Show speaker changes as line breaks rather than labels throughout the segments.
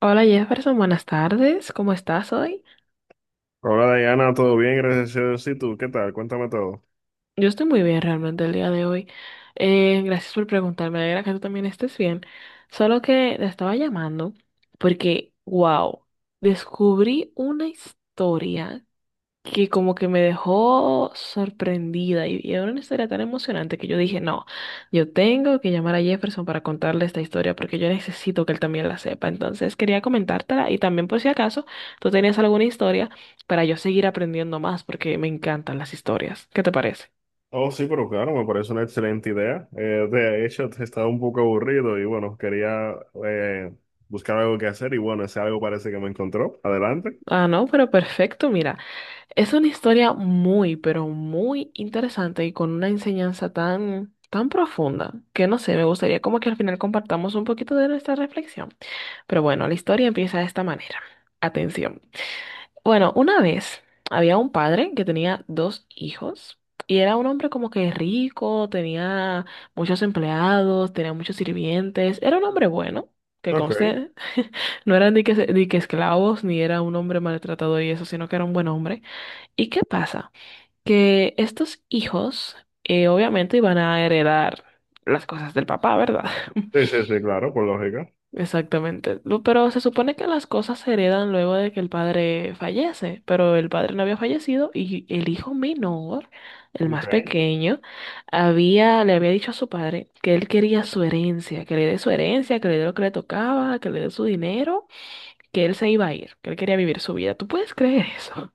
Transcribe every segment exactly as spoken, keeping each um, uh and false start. Hola Jefferson, buenas tardes. ¿Cómo estás hoy?
Hola Diana, ¿todo bien? Gracias a Dios. ¿Y tú? ¿Qué tal? Cuéntame todo.
Yo estoy muy bien realmente el día de hoy. Eh, gracias por preguntarme. Me alegra que tú también estés bien. Solo que te estaba llamando porque, wow, descubrí una historia que como que me dejó sorprendida y y era una historia tan emocionante que yo dije, no, yo tengo que llamar a Jefferson para contarle esta historia porque yo necesito que él también la sepa. Entonces quería comentártela y también por si acaso tú tenías alguna historia para yo seguir aprendiendo más porque me encantan las historias. ¿Qué te parece?
Oh, sí, pero claro, me parece una excelente idea. Eh, de hecho, te- estaba un poco aburrido y bueno, quería eh, buscar algo que hacer y bueno, ese algo parece que me encontró. Adelante.
Ah, no, pero perfecto, mira, es una historia muy, pero muy interesante y con una enseñanza tan, tan profunda que no sé, me gustaría como que al final compartamos un poquito de nuestra reflexión. Pero bueno, la historia empieza de esta manera. Atención. Bueno, una vez había un padre que tenía dos hijos y era un hombre como que rico, tenía muchos empleados, tenía muchos sirvientes, era un hombre bueno, que
Ok.
conste, no era ni que, se- ni que esclavos, ni era un hombre maltratador y eso, sino que era un buen hombre. ¿Y qué pasa? Que estos hijos eh, obviamente iban a heredar las cosas del papá, ¿verdad?
Sí, sí, sí, claro, por lógica.
Exactamente. Lu- Pero se supone que las cosas se heredan luego de que el padre fallece, pero el padre no había fallecido y el hijo menor, el
Ok.
más pequeño, había, le había dicho a su padre que él quería su herencia, que le dé su herencia, que le dé lo que le tocaba, que le dé su dinero, que él se iba a ir, que él quería vivir su vida. ¿Tú puedes creer eso?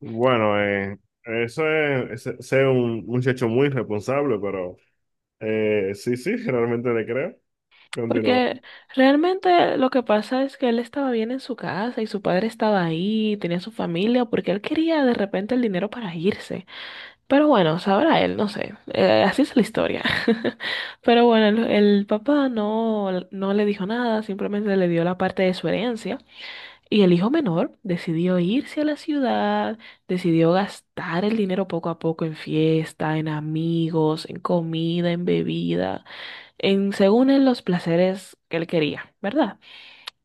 Bueno, eh, eso es, ese- ese un muchacho muy responsable, pero eh, sí, sí, realmente le creo. Continúa.
Porque realmente lo que pasa es que él estaba bien en su casa y su padre estaba ahí, tenía su familia, porque él quería de repente el dinero para irse. Pero bueno, sabrá él, no sé. Eh, así es la historia. Pero bueno, el, el papá no, no le dijo nada, simplemente le dio la parte de su herencia. Y el hijo menor decidió irse a la ciudad, decidió gastar el dinero poco a poco en fiesta, en amigos, en comida, en bebida, en según él los placeres que él quería, ¿verdad?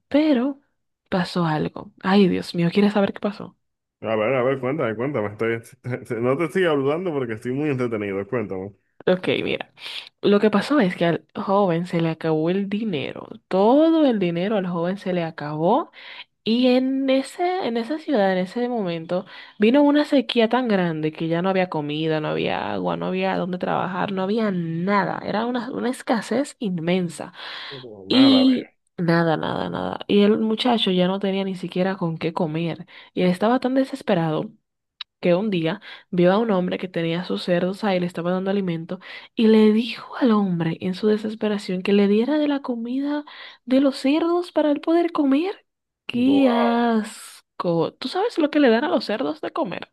Pero pasó algo. Ay, Dios mío, ¿quieres saber qué pasó?
A ver, a ver, cuéntame, cuéntame. Estoy, no te estoy hablando porque estoy muy entretenido. Cuéntame.
Ok, mira, lo que pasó es que al joven se le acabó el dinero, todo el dinero al joven se le acabó y en ese, en esa ciudad, en ese momento, vino una sequía tan grande que ya no había comida, no había agua, no había dónde trabajar, no había nada, era una, una escasez inmensa
Pero nada,
y
ve.
nada, nada, nada. Y el muchacho ya no tenía ni siquiera con qué comer y él estaba tan desesperado que un día vio a un hombre que tenía sus cerdos ahí, le estaba dando alimento, y le dijo al hombre en su desesperación que le diera de la comida de los cerdos para él poder comer. ¡Qué
Wow.
asco! ¿Tú sabes lo que le dan a los cerdos de comer?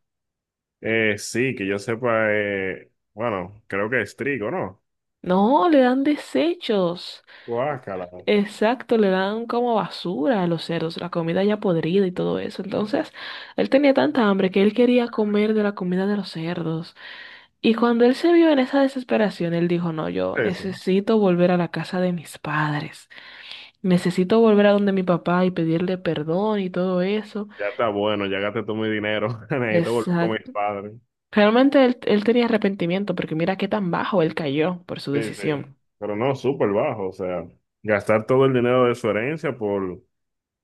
Eh, sí, que yo sepa, eh, bueno, creo que es trigo, ¿no?
No, le dan desechos.
Guácala.
Exacto, le dan como basura a los cerdos, la comida ya podrida y todo eso. Entonces, él tenía tanta hambre que él quería comer de la comida de los cerdos. Y cuando él se vio en esa desesperación, él dijo, no, yo
Eso.
necesito volver a la casa de mis padres, necesito volver a donde mi papá y pedirle perdón y todo eso.
Ya está bueno, ya gasté todo mi dinero. Necesito volver con mis
Exacto.
padres.
Realmente él, él tenía arrepentimiento porque mira qué tan bajo él cayó por su
Sí, sí.
decisión.
Pero no, súper bajo. O sea, gastar todo el dinero de su herencia por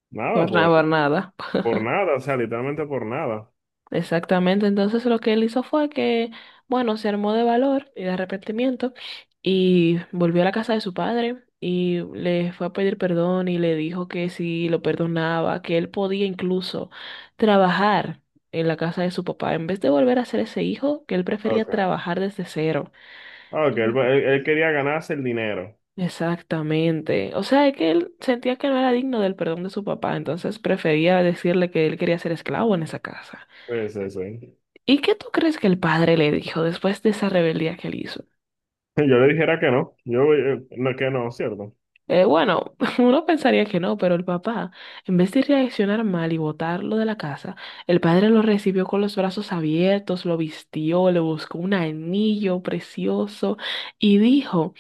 nada,
Por nada,
por,
por nada.
por nada, o sea, literalmente por nada.
Exactamente, entonces lo que él hizo fue que, bueno, se armó de valor y de arrepentimiento y volvió a la casa de su padre y le fue a pedir perdón y le dijo que si lo perdonaba, que él podía incluso trabajar en la casa de su papá, en vez de volver a ser ese hijo, que él prefería
Ok.
trabajar desde cero.
Ah, ok, él,
Y-
él- él quería ganarse el dinero.
Exactamente, o sea, es que él sentía que no era digno del perdón de su papá, entonces prefería decirle que él quería ser esclavo en esa casa.
Pues eso. ¿Eh?
¿Y qué tú crees que el padre le dijo después de esa rebeldía que él hizo?
Yo le dijera que no. Yo, eh, no, que no, ¿cierto?
Eh, bueno, uno pensaría que no, pero el papá, en vez de reaccionar mal y botarlo de la casa, el padre lo recibió con los brazos abiertos, lo vistió, le buscó un anillo precioso y dijo,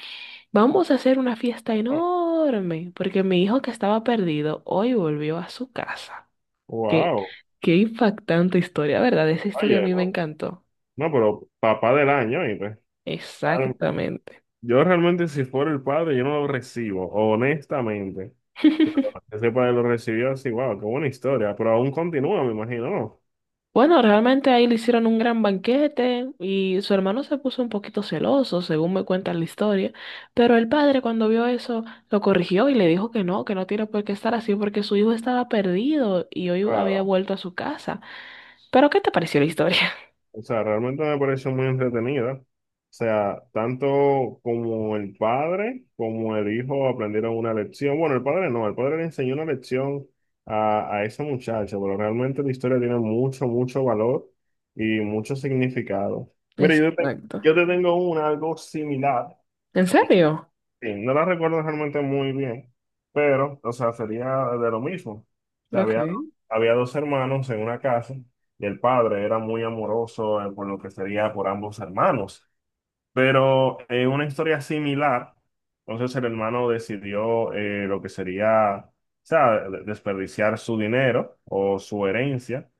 vamos a hacer una fiesta
Ah,
enorme, porque mi hijo que estaba perdido hoy volvió a su casa. Qué,
wow.
qué impactante historia, ¿verdad? Esa historia a
Oye,
mí me
no.
encantó.
No, pero papá del año, y pues, claro,
Exactamente.
yo realmente si fuera el padre, yo no lo recibo, honestamente. Ese padre lo recibió así, wow, qué buena historia, pero aún continúa, me imagino, ¿no?
Bueno, realmente ahí le hicieron un gran banquete y su hermano se puso un poquito celoso, según me cuenta la historia, pero el padre cuando vio eso lo corrigió y le dijo que no, que no tiene por qué estar así porque su hijo estaba perdido y hoy había
Claro.
vuelto a su casa. Pero ¿qué te pareció la historia?
O sea, realmente me pareció muy entretenida. O sea, tanto como el padre como el hijo aprendieron una lección. Bueno, el padre no, el padre le enseñó una lección a, a esa muchacha, pero realmente la historia tiene mucho, mucho valor y mucho significado. Mira, yo te,
Exacto.
yo te tengo una, algo similar.
¿En serio?
Sí, no la recuerdo realmente muy bien, pero, o sea, sería de lo mismo. O sea, había,
Okay.
había dos hermanos en una casa y el padre era muy amoroso eh, por lo que sería por ambos hermanos. Pero eh, una historia similar, entonces el hermano decidió eh, lo que sería, o sea, de- desperdiciar su dinero o su herencia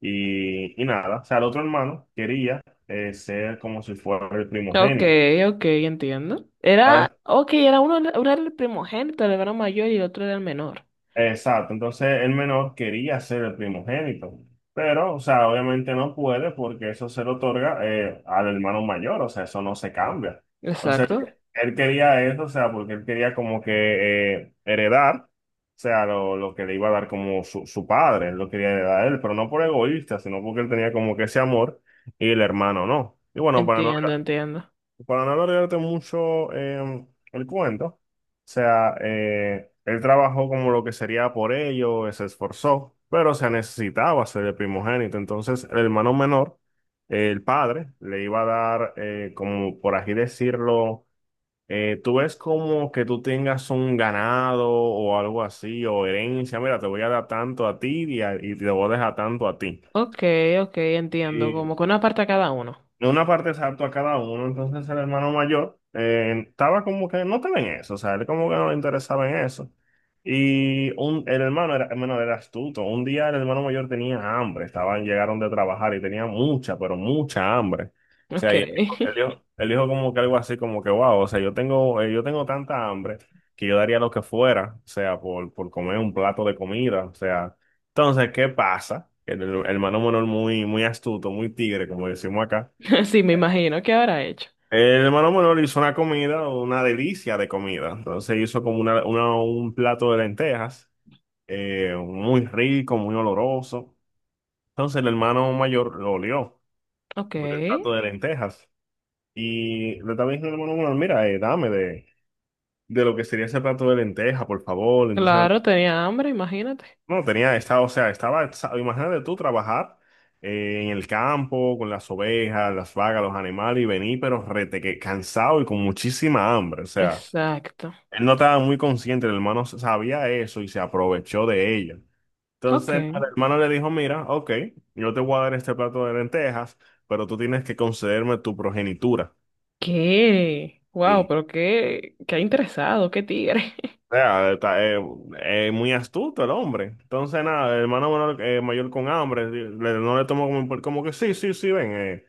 y, y nada. O sea, el otro hermano quería eh, ser como si fuera el primogénito.
Okay, okay, entiendo. Era, okay, era uno, uno era el primogénito, el hermano mayor y el otro era el menor.
Exacto, entonces el menor quería ser el primogénito, pero, o sea, obviamente no puede porque eso se le otorga eh, al hermano mayor, o sea, eso no se cambia. Entonces, él,
Exacto.
Él quería eso, o sea, porque él quería como que eh, heredar, o sea, lo, lo que le iba a dar como su, su padre, él lo quería heredar a él, pero no por egoísta, sino porque él tenía como que ese amor y el hermano no. Y bueno, para no
Entiendo, entiendo.
para no alargarte mucho eh, el cuento, o sea, eh, él trabajó como lo que sería por ello, se esforzó, pero se necesitaba ser el primogénito. Entonces, el hermano menor, eh, el padre, le iba a dar, eh, como por así decirlo, eh, tú ves como que tú tengas un ganado o algo así, o herencia, mira, te voy a dar tanto a ti y, a- y te voy a dejar tanto a ti.
Ok, ok, entiendo. Como
Y
que una parte a cada uno.
de una parte exacto a cada uno. Entonces el hermano mayor eh, estaba como que no estaba en eso, o sea, él como que no le interesaba en eso. Y un, el hermano era, hermano era astuto. Un día el hermano mayor tenía hambre, estaban, llegaron de trabajar y tenía mucha, pero mucha hambre. O sea,
Ok.
y él dijo, él dijo- él dijo como que algo así como que, wow, o sea, yo tengo, eh, yo tengo tanta hambre que yo daría lo que fuera, o sea, por, por comer un plato de comida, o sea. Entonces, ¿qué pasa? El, el hermano menor muy, muy astuto, muy tigre, como decimos acá
Sí, me imagino. ¿Qué habrá hecho?
el hermano menor hizo una comida, una delicia de comida. Entonces hizo como una, una- un plato de lentejas, eh, muy rico, muy oloroso. Entonces el hermano mayor lo olió
Ok.
por el plato de lentejas. Y le estaba diciendo al hermano menor, mira, eh, dame de, de lo que sería ese plato de lentejas, por favor. Entonces,
Claro, tenía hambre, imagínate.
no, tenía, estaba, o sea, estaba, exa- imagínate tú trabajar eh, en el campo con las ovejas, las vacas, los animales y venir, pero rete, que cansado y con muchísima hambre. O sea.
Exacto.
Él no estaba muy consciente, el hermano sabía eso y se aprovechó de ella.
Ok.
Entonces el hermano le dijo, mira, ok, yo te voy a dar este plato de lentejas, pero tú tienes que concederme tu progenitura.
¿Qué? Wow,
Sí.
pero qué, qué interesado, qué tigre.
O sea, está, eh, eh, muy astuto el hombre. Entonces, nada, el hermano menor, eh, mayor con hambre, le- no le tomó como, por- como que sí, sí, sí, ven. Eh,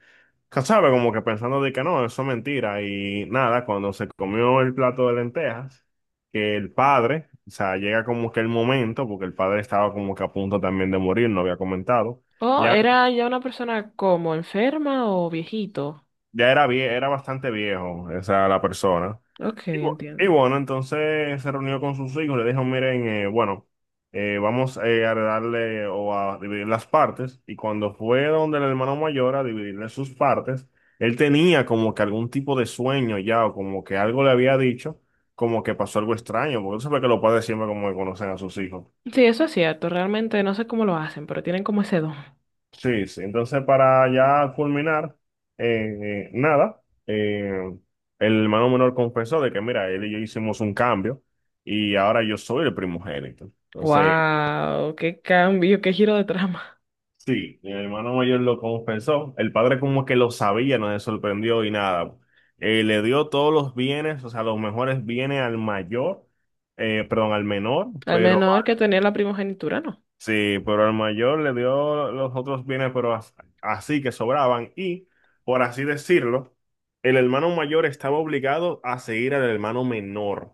Que sabe, como que pensando de que no, eso es mentira. Y nada, cuando se comió el plato de lentejas, que el padre, o sea, llega como que el momento, porque el padre estaba como que a punto también de morir, no había comentado.
Oh,
Ya,
era ya una persona como enferma o viejito.
ya era, vie- era bastante viejo, o sea, la persona.
Ok,
Y bu- y
entiendo.
bueno, entonces se reunió con sus hijos, le dijo, miren, eh, bueno, eh, vamos eh, a darle o a dividir las partes. Y cuando fue donde el hermano mayor a dividirle sus partes, él tenía como que algún tipo de sueño ya, o como que algo le había dicho, como que pasó algo extraño, porque tú sabes que los padres siempre como que conocen a sus hijos.
Sí, eso es cierto. Realmente no sé cómo lo hacen, pero tienen como ese don.
Sí, sí. Entonces, para ya culminar, eh, eh, nada, eh, el hermano menor confesó de que, mira, él y yo hicimos un cambio y ahora yo soy el primogénito. Entonces,
Wow, qué cambio, qué giro de trama.
sí, el hermano mayor lo confesó. El padre como que lo sabía, no se sorprendió y nada. Eh, le dio todos los bienes, o sea, los mejores bienes al mayor, eh, perdón, al menor,
Al
pero
menor que tenía la primogenitura, no.
sí, pero al mayor le dio los otros bienes, pero as- así que sobraban. Y, por así decirlo, el hermano mayor estaba obligado a seguir al hermano menor. O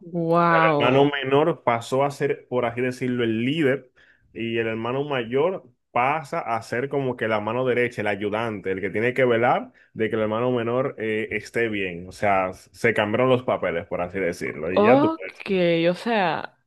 sea, el hermano
Wow.
menor pasó a ser, por así decirlo, el líder y el hermano mayor pasa a ser como que la mano derecha, el ayudante, el que tiene que velar de que el hermano menor eh, esté bien. O sea, se cambiaron los papeles, por así decirlo. Y ya tú
Ok,
puedes.
o sea,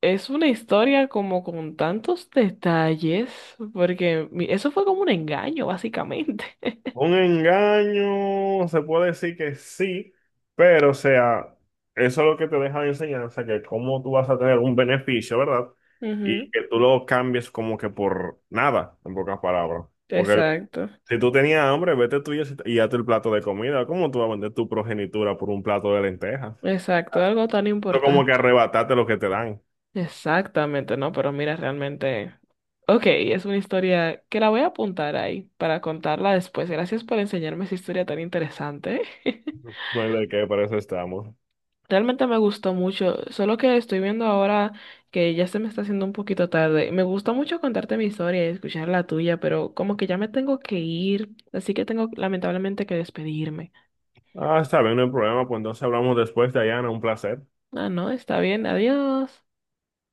es una historia como con tantos detalles, porque mi- eso fue como un engaño, básicamente.
Un engaño, se puede decir que sí, pero o sea, eso es lo que te deja de enseñanza, que cómo tú vas a tener un beneficio, ¿verdad?
Ujú,
Y que tú lo cambies como que por nada, en pocas palabras. Porque
exacto,
si tú tenías hambre, vete tú y y hazte el plato de comida. ¿Cómo tú vas a vender tu progenitura por un plato de lentejas?
exacto, algo tan
Eso como que
importante.
arrebatarte lo que te dan.
Exactamente, ¿no? Pero mira, realmente, ok, es una historia que la voy a apuntar ahí para contarla después. Gracias por enseñarme esa historia tan interesante.
No hay de qué, para eso estamos.
Realmente me gustó mucho, solo que estoy viendo ahora que ya se me está haciendo un poquito tarde. Me gusta mucho contarte mi historia y escuchar la tuya, pero como que ya me tengo que ir, así que tengo lamentablemente que despedirme.
Ah, está bien, no hay problema, pues entonces hablamos después, Dayana, un placer.
Ah, no, está bien, adiós.